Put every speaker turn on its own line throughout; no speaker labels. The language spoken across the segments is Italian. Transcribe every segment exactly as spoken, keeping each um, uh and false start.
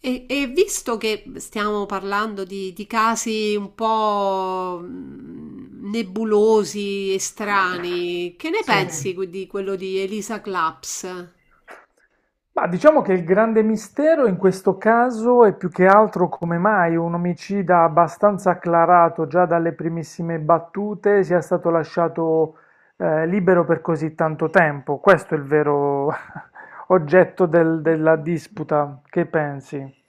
E, e visto che stiamo parlando di, di casi un po' mh, nebulosi e strani, che ne Sì.
Sì.
pensi que- di quello di Elisa Claps?
Ma diciamo che il grande mistero in questo caso è più che altro come mai un omicida abbastanza acclarato già dalle primissime battute sia stato lasciato eh, libero per così tanto tempo. Questo è il vero oggetto del-
Mm,
della
mm, mm.
disputa. Che pensi?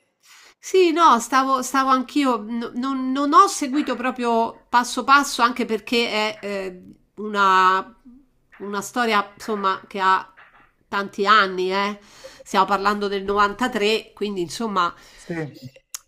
Sì, no, stavo, stavo anch'io, n- non, non ho seguito proprio passo passo, anche perché è eh, una, una storia, insomma, che ha tanti anni, eh. Stiamo parlando del novantatré, quindi insomma,
Sì.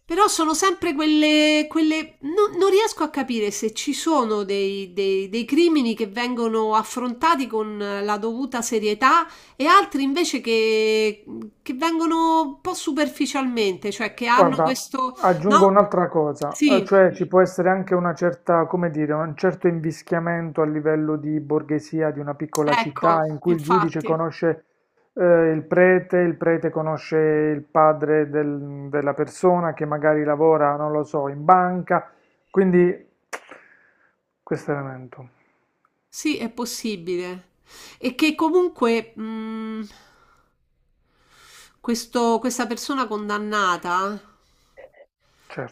però sono sempre quelle, quelle... no- non riesco a capire se ci sono dei, dei dei crimini che vengono affrontati con la dovuta serietà e altri invece che, che vengono un po' superficialmente, cioè che hanno
Guarda,
questo...
aggiungo
No?
un'altra cosa, eh,
Sì,
cioè ci può essere anche una certa, come dire, un certo invischiamento a livello di borghesia di una piccola
ecco,
città in cui il giudice
infatti.
conosce eh, il prete, il prete conosce il padre del- della persona che magari lavora, non lo so, in banca, quindi questo elemento,
Sì, è possibile. E che comunque mh, questo- questa persona condannata,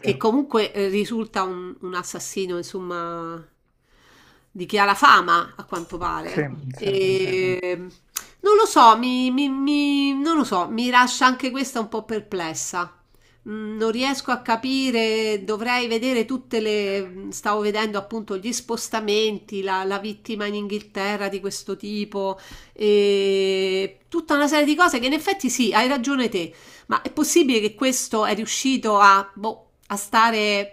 che comunque eh, risulta un, un assassino, insomma, di chi ha la fama, a quanto
Sì,
pare.
sì, sì.
E, non lo so, mi, mi- mi- non lo so, mi lascia anche questa un po' perplessa. Mm, Non riesco a capire, dovrei vedere tutte le... Stavo vedendo appunto gli spostamenti, la, la vittima in Inghilterra di questo tipo, e tutta una serie di cose che in effetti sì, hai ragione te, ma è possibile che questo è riuscito a, boh, a stare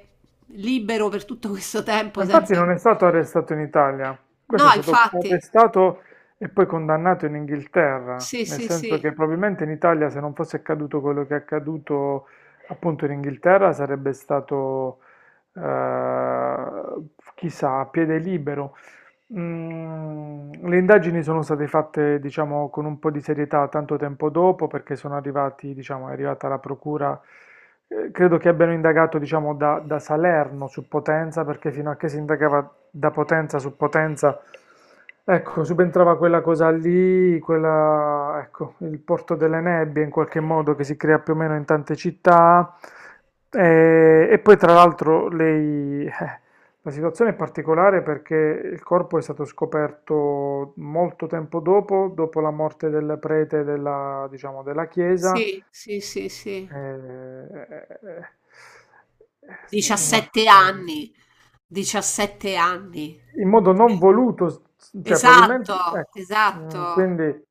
libero per tutto questo tempo
Ma infatti
senza...
non è stato arrestato in Italia, questo
No,
è stato
infatti.
arrestato e poi condannato in Inghilterra,
Sì,
nel
sì,
senso
sì,
che probabilmente in Italia se non fosse accaduto quello che è accaduto appunto in Inghilterra sarebbe stato, eh, chissà, a piede libero. Mm, le indagini sono state fatte, diciamo, con un po' di serietà tanto tempo dopo, perché sono arrivati, diciamo, è arrivata la procura, eh, credo che abbiano indagato, diciamo, da, da Salerno su Potenza, perché fino a che si indagava da Potenza su Potenza, ecco, subentrava quella cosa lì, quella, ecco, il porto delle nebbie in qualche modo che si crea più o meno in tante città. E, e poi tra l'altro lei eh, la situazione è particolare perché il corpo è stato scoperto molto tempo dopo, dopo la morte del prete della, diciamo, della chiesa.
sì, sì, sì, sì.
Eh, eh, eh, è una
diciassette
storia.
anni. diciassette anni.
In modo non voluto, s- cioè
Esatto,
probabilmente, ecco, mm,
esatto.
quindi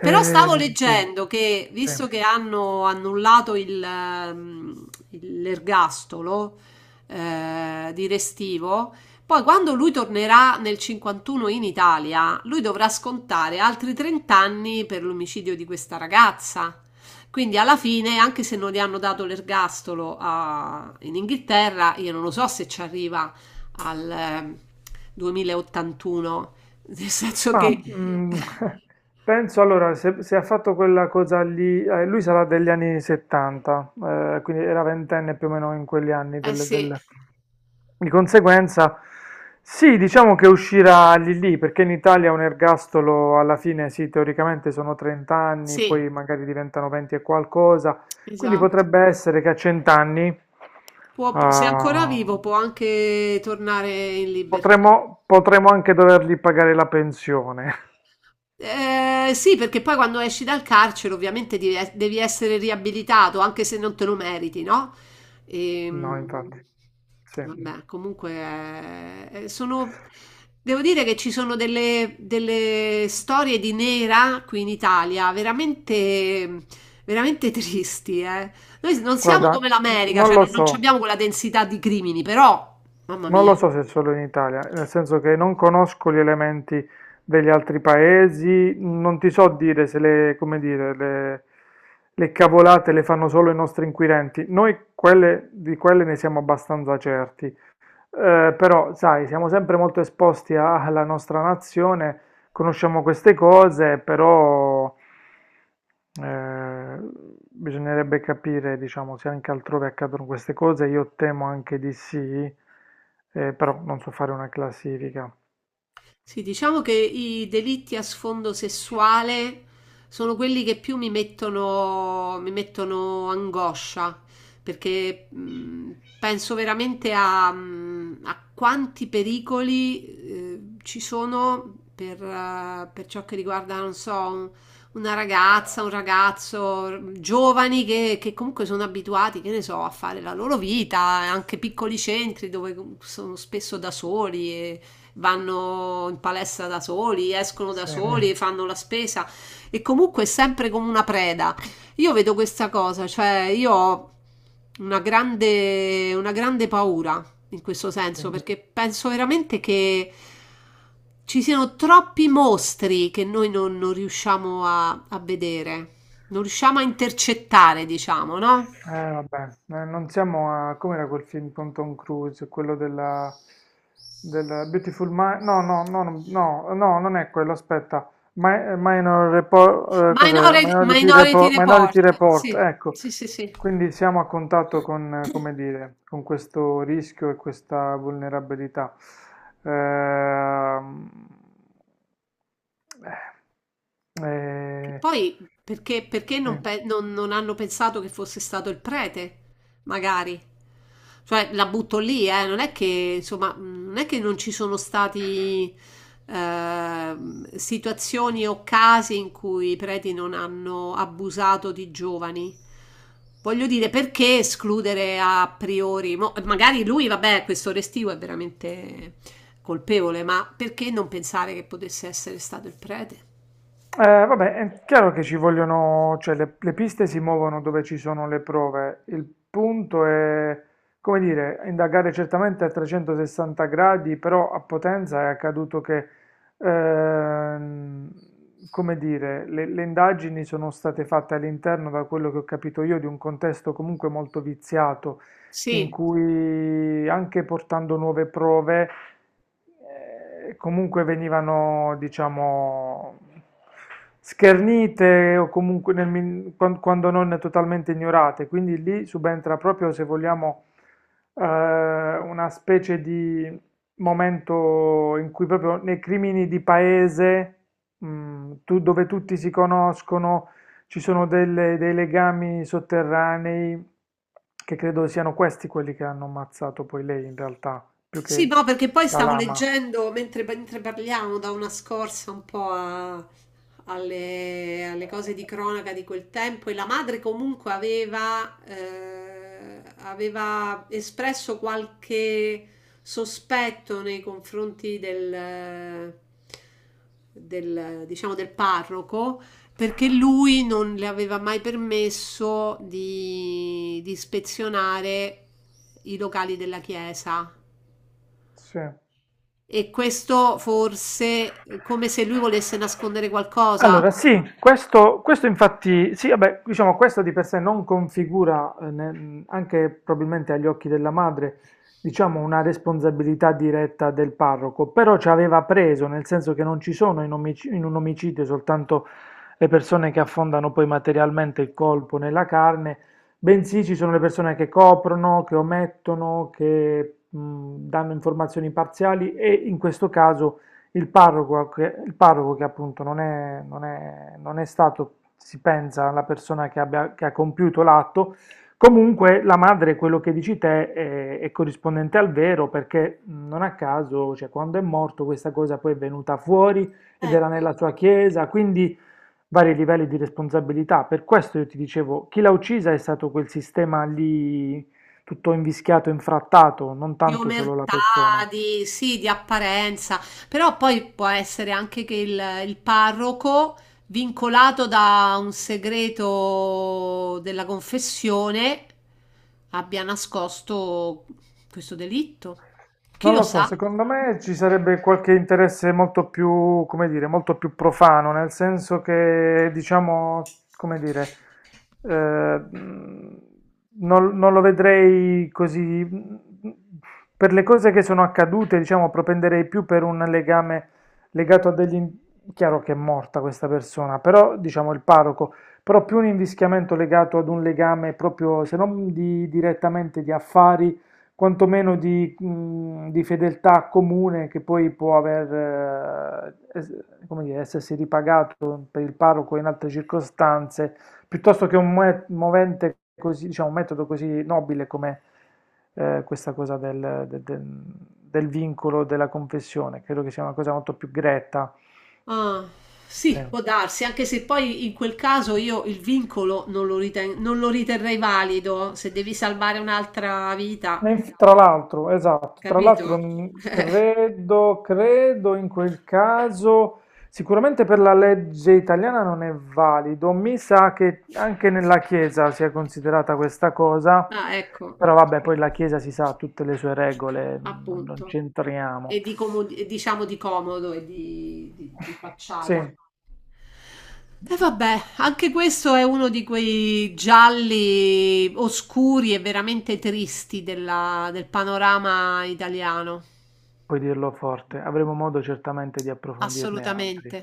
Però
eh,
stavo
sì,
leggendo che, visto
sì.
che hanno annullato il, ehm, il- l'ergastolo eh, di Restivo, poi quando lui tornerà nel cinquantuno in Italia, lui dovrà scontare altri trenta anni per l'omicidio di questa ragazza. Quindi alla fine, anche se non gli hanno dato l'ergastolo a- in Inghilterra, io non lo so se ci arriva al ehm, duemilaottantuno, nel senso che
Ma mm, penso allora, se, se ha fatto quella cosa lì, eh, lui sarà degli anni settanta, eh, quindi era ventenne più o meno in quegli anni.
eh
del-
sì,
del- Di conseguenza, sì, diciamo che uscirà lì lì, perché in Italia un ergastolo alla fine, sì, teoricamente sono trenta anni, poi
sì,
magari diventano venti e qualcosa, quindi
esatto.
potrebbe essere che a cento anni
Può- se è ancora
ah,
vivo può anche tornare in libertà.
potremmo potremmo anche dovergli pagare la pensione.
Eh, sì, perché poi quando esci dal carcere ovviamente devi, es- devi essere riabilitato, anche se non te lo meriti, no?
No, infatti.
Ehm,
Sì,
vabbè, comunque eh, sono... Devo dire che ci sono delle, delle storie di nera qui in Italia, veramente, veramente tristi, eh. Noi non siamo
guarda,
come
n-
l'America,
non
cioè
lo
non, non
so,
abbiamo quella densità di crimini, però, mamma
non
mia.
lo so se è solo in Italia, nel senso che non conosco gli elementi degli altri paesi, non ti so dire se le, come dire, le, le cavolate le fanno solo i nostri inquirenti, noi quelle, di quelle ne siamo abbastanza certi. Eh, però, sai, siamo sempre molto esposti a- alla nostra nazione, conosciamo queste cose, però eh, bisognerebbe capire, diciamo, se anche altrove accadono queste cose. Io temo anche di sì, eh, però non so fare una classifica.
Sì, diciamo che i delitti a sfondo sessuale sono quelli che più mi mettono, mi mettono angoscia, perché mh, penso veramente a, mh, a quanti pericoli eh, ci sono per, eh, per ciò che riguarda, non so, un- una ragazza, un ragazzo, giovani che, che comunque sono abituati, che ne so, a fare la loro vita, anche piccoli centri dove sono spesso da soli vanno in palestra da soli, escono da
Sì,
soli, fanno la spesa e comunque è sempre come una preda. Io vedo questa cosa, cioè io ho una grande, una grande paura in questo senso
sì.
perché penso veramente che ci siano troppi mostri che noi non, non riusciamo a, a vedere, non riusciamo a intercettare, diciamo, no?
Eh, vabbè, eh, non siamo a... Com'era quel film con Tom Cruise? Quello della... della Beautiful Mind? No, no, no, no, no, no, non è quello, aspetta. Mi- Minor Report, cos'è?
Minori-
Minority
Minority
Report, Minority
Report,
Report,
sì,
ecco.
sì, sì, sì.
Quindi siamo a contatto con, eh, come dire, con questo rischio e questa vulnerabilità. Ehm,
Che
eh,
poi perché, perché
eh,
non,
sì.
pe- non- non hanno pensato che fosse stato il prete, magari? Cioè, la butto lì, eh, non è che, insomma, mh, non è che non ci sono stati ehm, situazioni o casi in cui i preti non hanno abusato di giovani. Voglio dire, perché escludere a priori? Mo- magari lui, vabbè, questo restivo è veramente colpevole, ma perché non pensare che potesse essere stato il prete?
Eh, vabbè, è chiaro che ci vogliono, cioè le, le piste si muovono dove ci sono le prove. Il punto è, come dire, indagare certamente a trecentosessanta gradi, però a Potenza è accaduto che, ehm, come dire, le, le indagini sono state fatte all'interno, da quello che ho capito io, di un contesto comunque molto viziato, in
Sì,
cui anche portando nuove prove, eh, comunque venivano, diciamo, schernite o comunque nel min- quan- quando non totalmente ignorate. Quindi lì subentra proprio, se vogliamo, eh, una specie di momento in cui proprio nei crimini di paese, mm, tu- dove tutti si conoscono ci sono delle- dei legami sotterranei che credo siano questi quelli che hanno ammazzato poi lei in realtà, più
sì,
che
no, perché poi
la
stavo
lama.
leggendo mentre, mentre parliamo da una scorsa un po' a- alle, alle cose di cronaca di quel tempo e la madre comunque aveva, eh, aveva espresso qualche sospetto nei confronti del, del, diciamo, del parroco perché lui non le aveva mai permesso di, di ispezionare i locali della chiesa.
Sì.
E questo forse è come se lui volesse nascondere qualcosa.
Allora sì, questo questo infatti sì, vabbè, diciamo questo di per sé non configura, eh, ne- anche probabilmente agli occhi della madre, diciamo una responsabilità diretta del parroco, però ci aveva preso, nel senso che non ci sono in, omic- in un omicidio soltanto le persone che affondano poi materialmente il colpo nella carne, bensì ci sono le persone che coprono, che omettono, che mh, danno informazioni parziali e in questo caso il parroco che, il parroco che appunto non è, non è- non è stato, si pensa, la persona che, abbia- che ha compiuto l'atto, comunque la madre, quello che dici te, è, è corrispondente al vero perché mh, non a caso, cioè, quando è morto questa cosa poi è venuta fuori ed era
Ecco.
nella sua chiesa, quindi vari livelli di responsabilità. Per questo io ti dicevo, chi l'ha uccisa è stato quel sistema lì tutto invischiato, infrattato, non
Di
tanto solo la
omertà,
persona.
di, sì, di apparenza, però poi può essere anche che il, il parroco, vincolato da un segreto della confessione, abbia nascosto questo delitto. Chi
Non
lo
lo so,
sa?
secondo me ci sarebbe qualche interesse molto più, come dire, molto più profano, nel senso che, diciamo, come dire, eh, mh, non, non lo vedrei così. Per le cose che sono accadute, diciamo, propenderei più per un legame legato a degli... in- Chiaro che è morta questa persona, però, diciamo, il parroco, però più un invischiamento legato ad un legame proprio, se non di- direttamente di affari quantomeno di, mh, di fedeltà comune che poi può aver, eh, es- come dire, essersi ripagato per il parroco in altre circostanze, piuttosto che un moe- movente così, diciamo, un metodo così nobile come eh, questa cosa del, del- del- del vincolo della confessione. Credo che sia una cosa molto più gretta.
Ah,
Sì.
sì, può darsi, anche se poi in quel caso io il vincolo non lo riten- non lo riterrei valido se devi salvare un'altra
E
vita,
inf- tra l'altro, esatto, tra l'altro
capito?
mh, credo, credo in quel caso, sicuramente per la legge italiana non è valido, mi sa che anche nella Chiesa sia considerata questa cosa,
Ah, ecco, ok,
però vabbè, poi la Chiesa si sa ha tutte le sue regole, non, non
appunto.
c'entriamo.
E di como- e diciamo di comodo e di, di- di facciata.
Sì,
E vabbè, anche questo è uno di quei gialli oscuri e veramente tristi della- del panorama italiano.
puoi dirlo forte, avremo modo certamente di approfondirne
Assolutamente.
altri.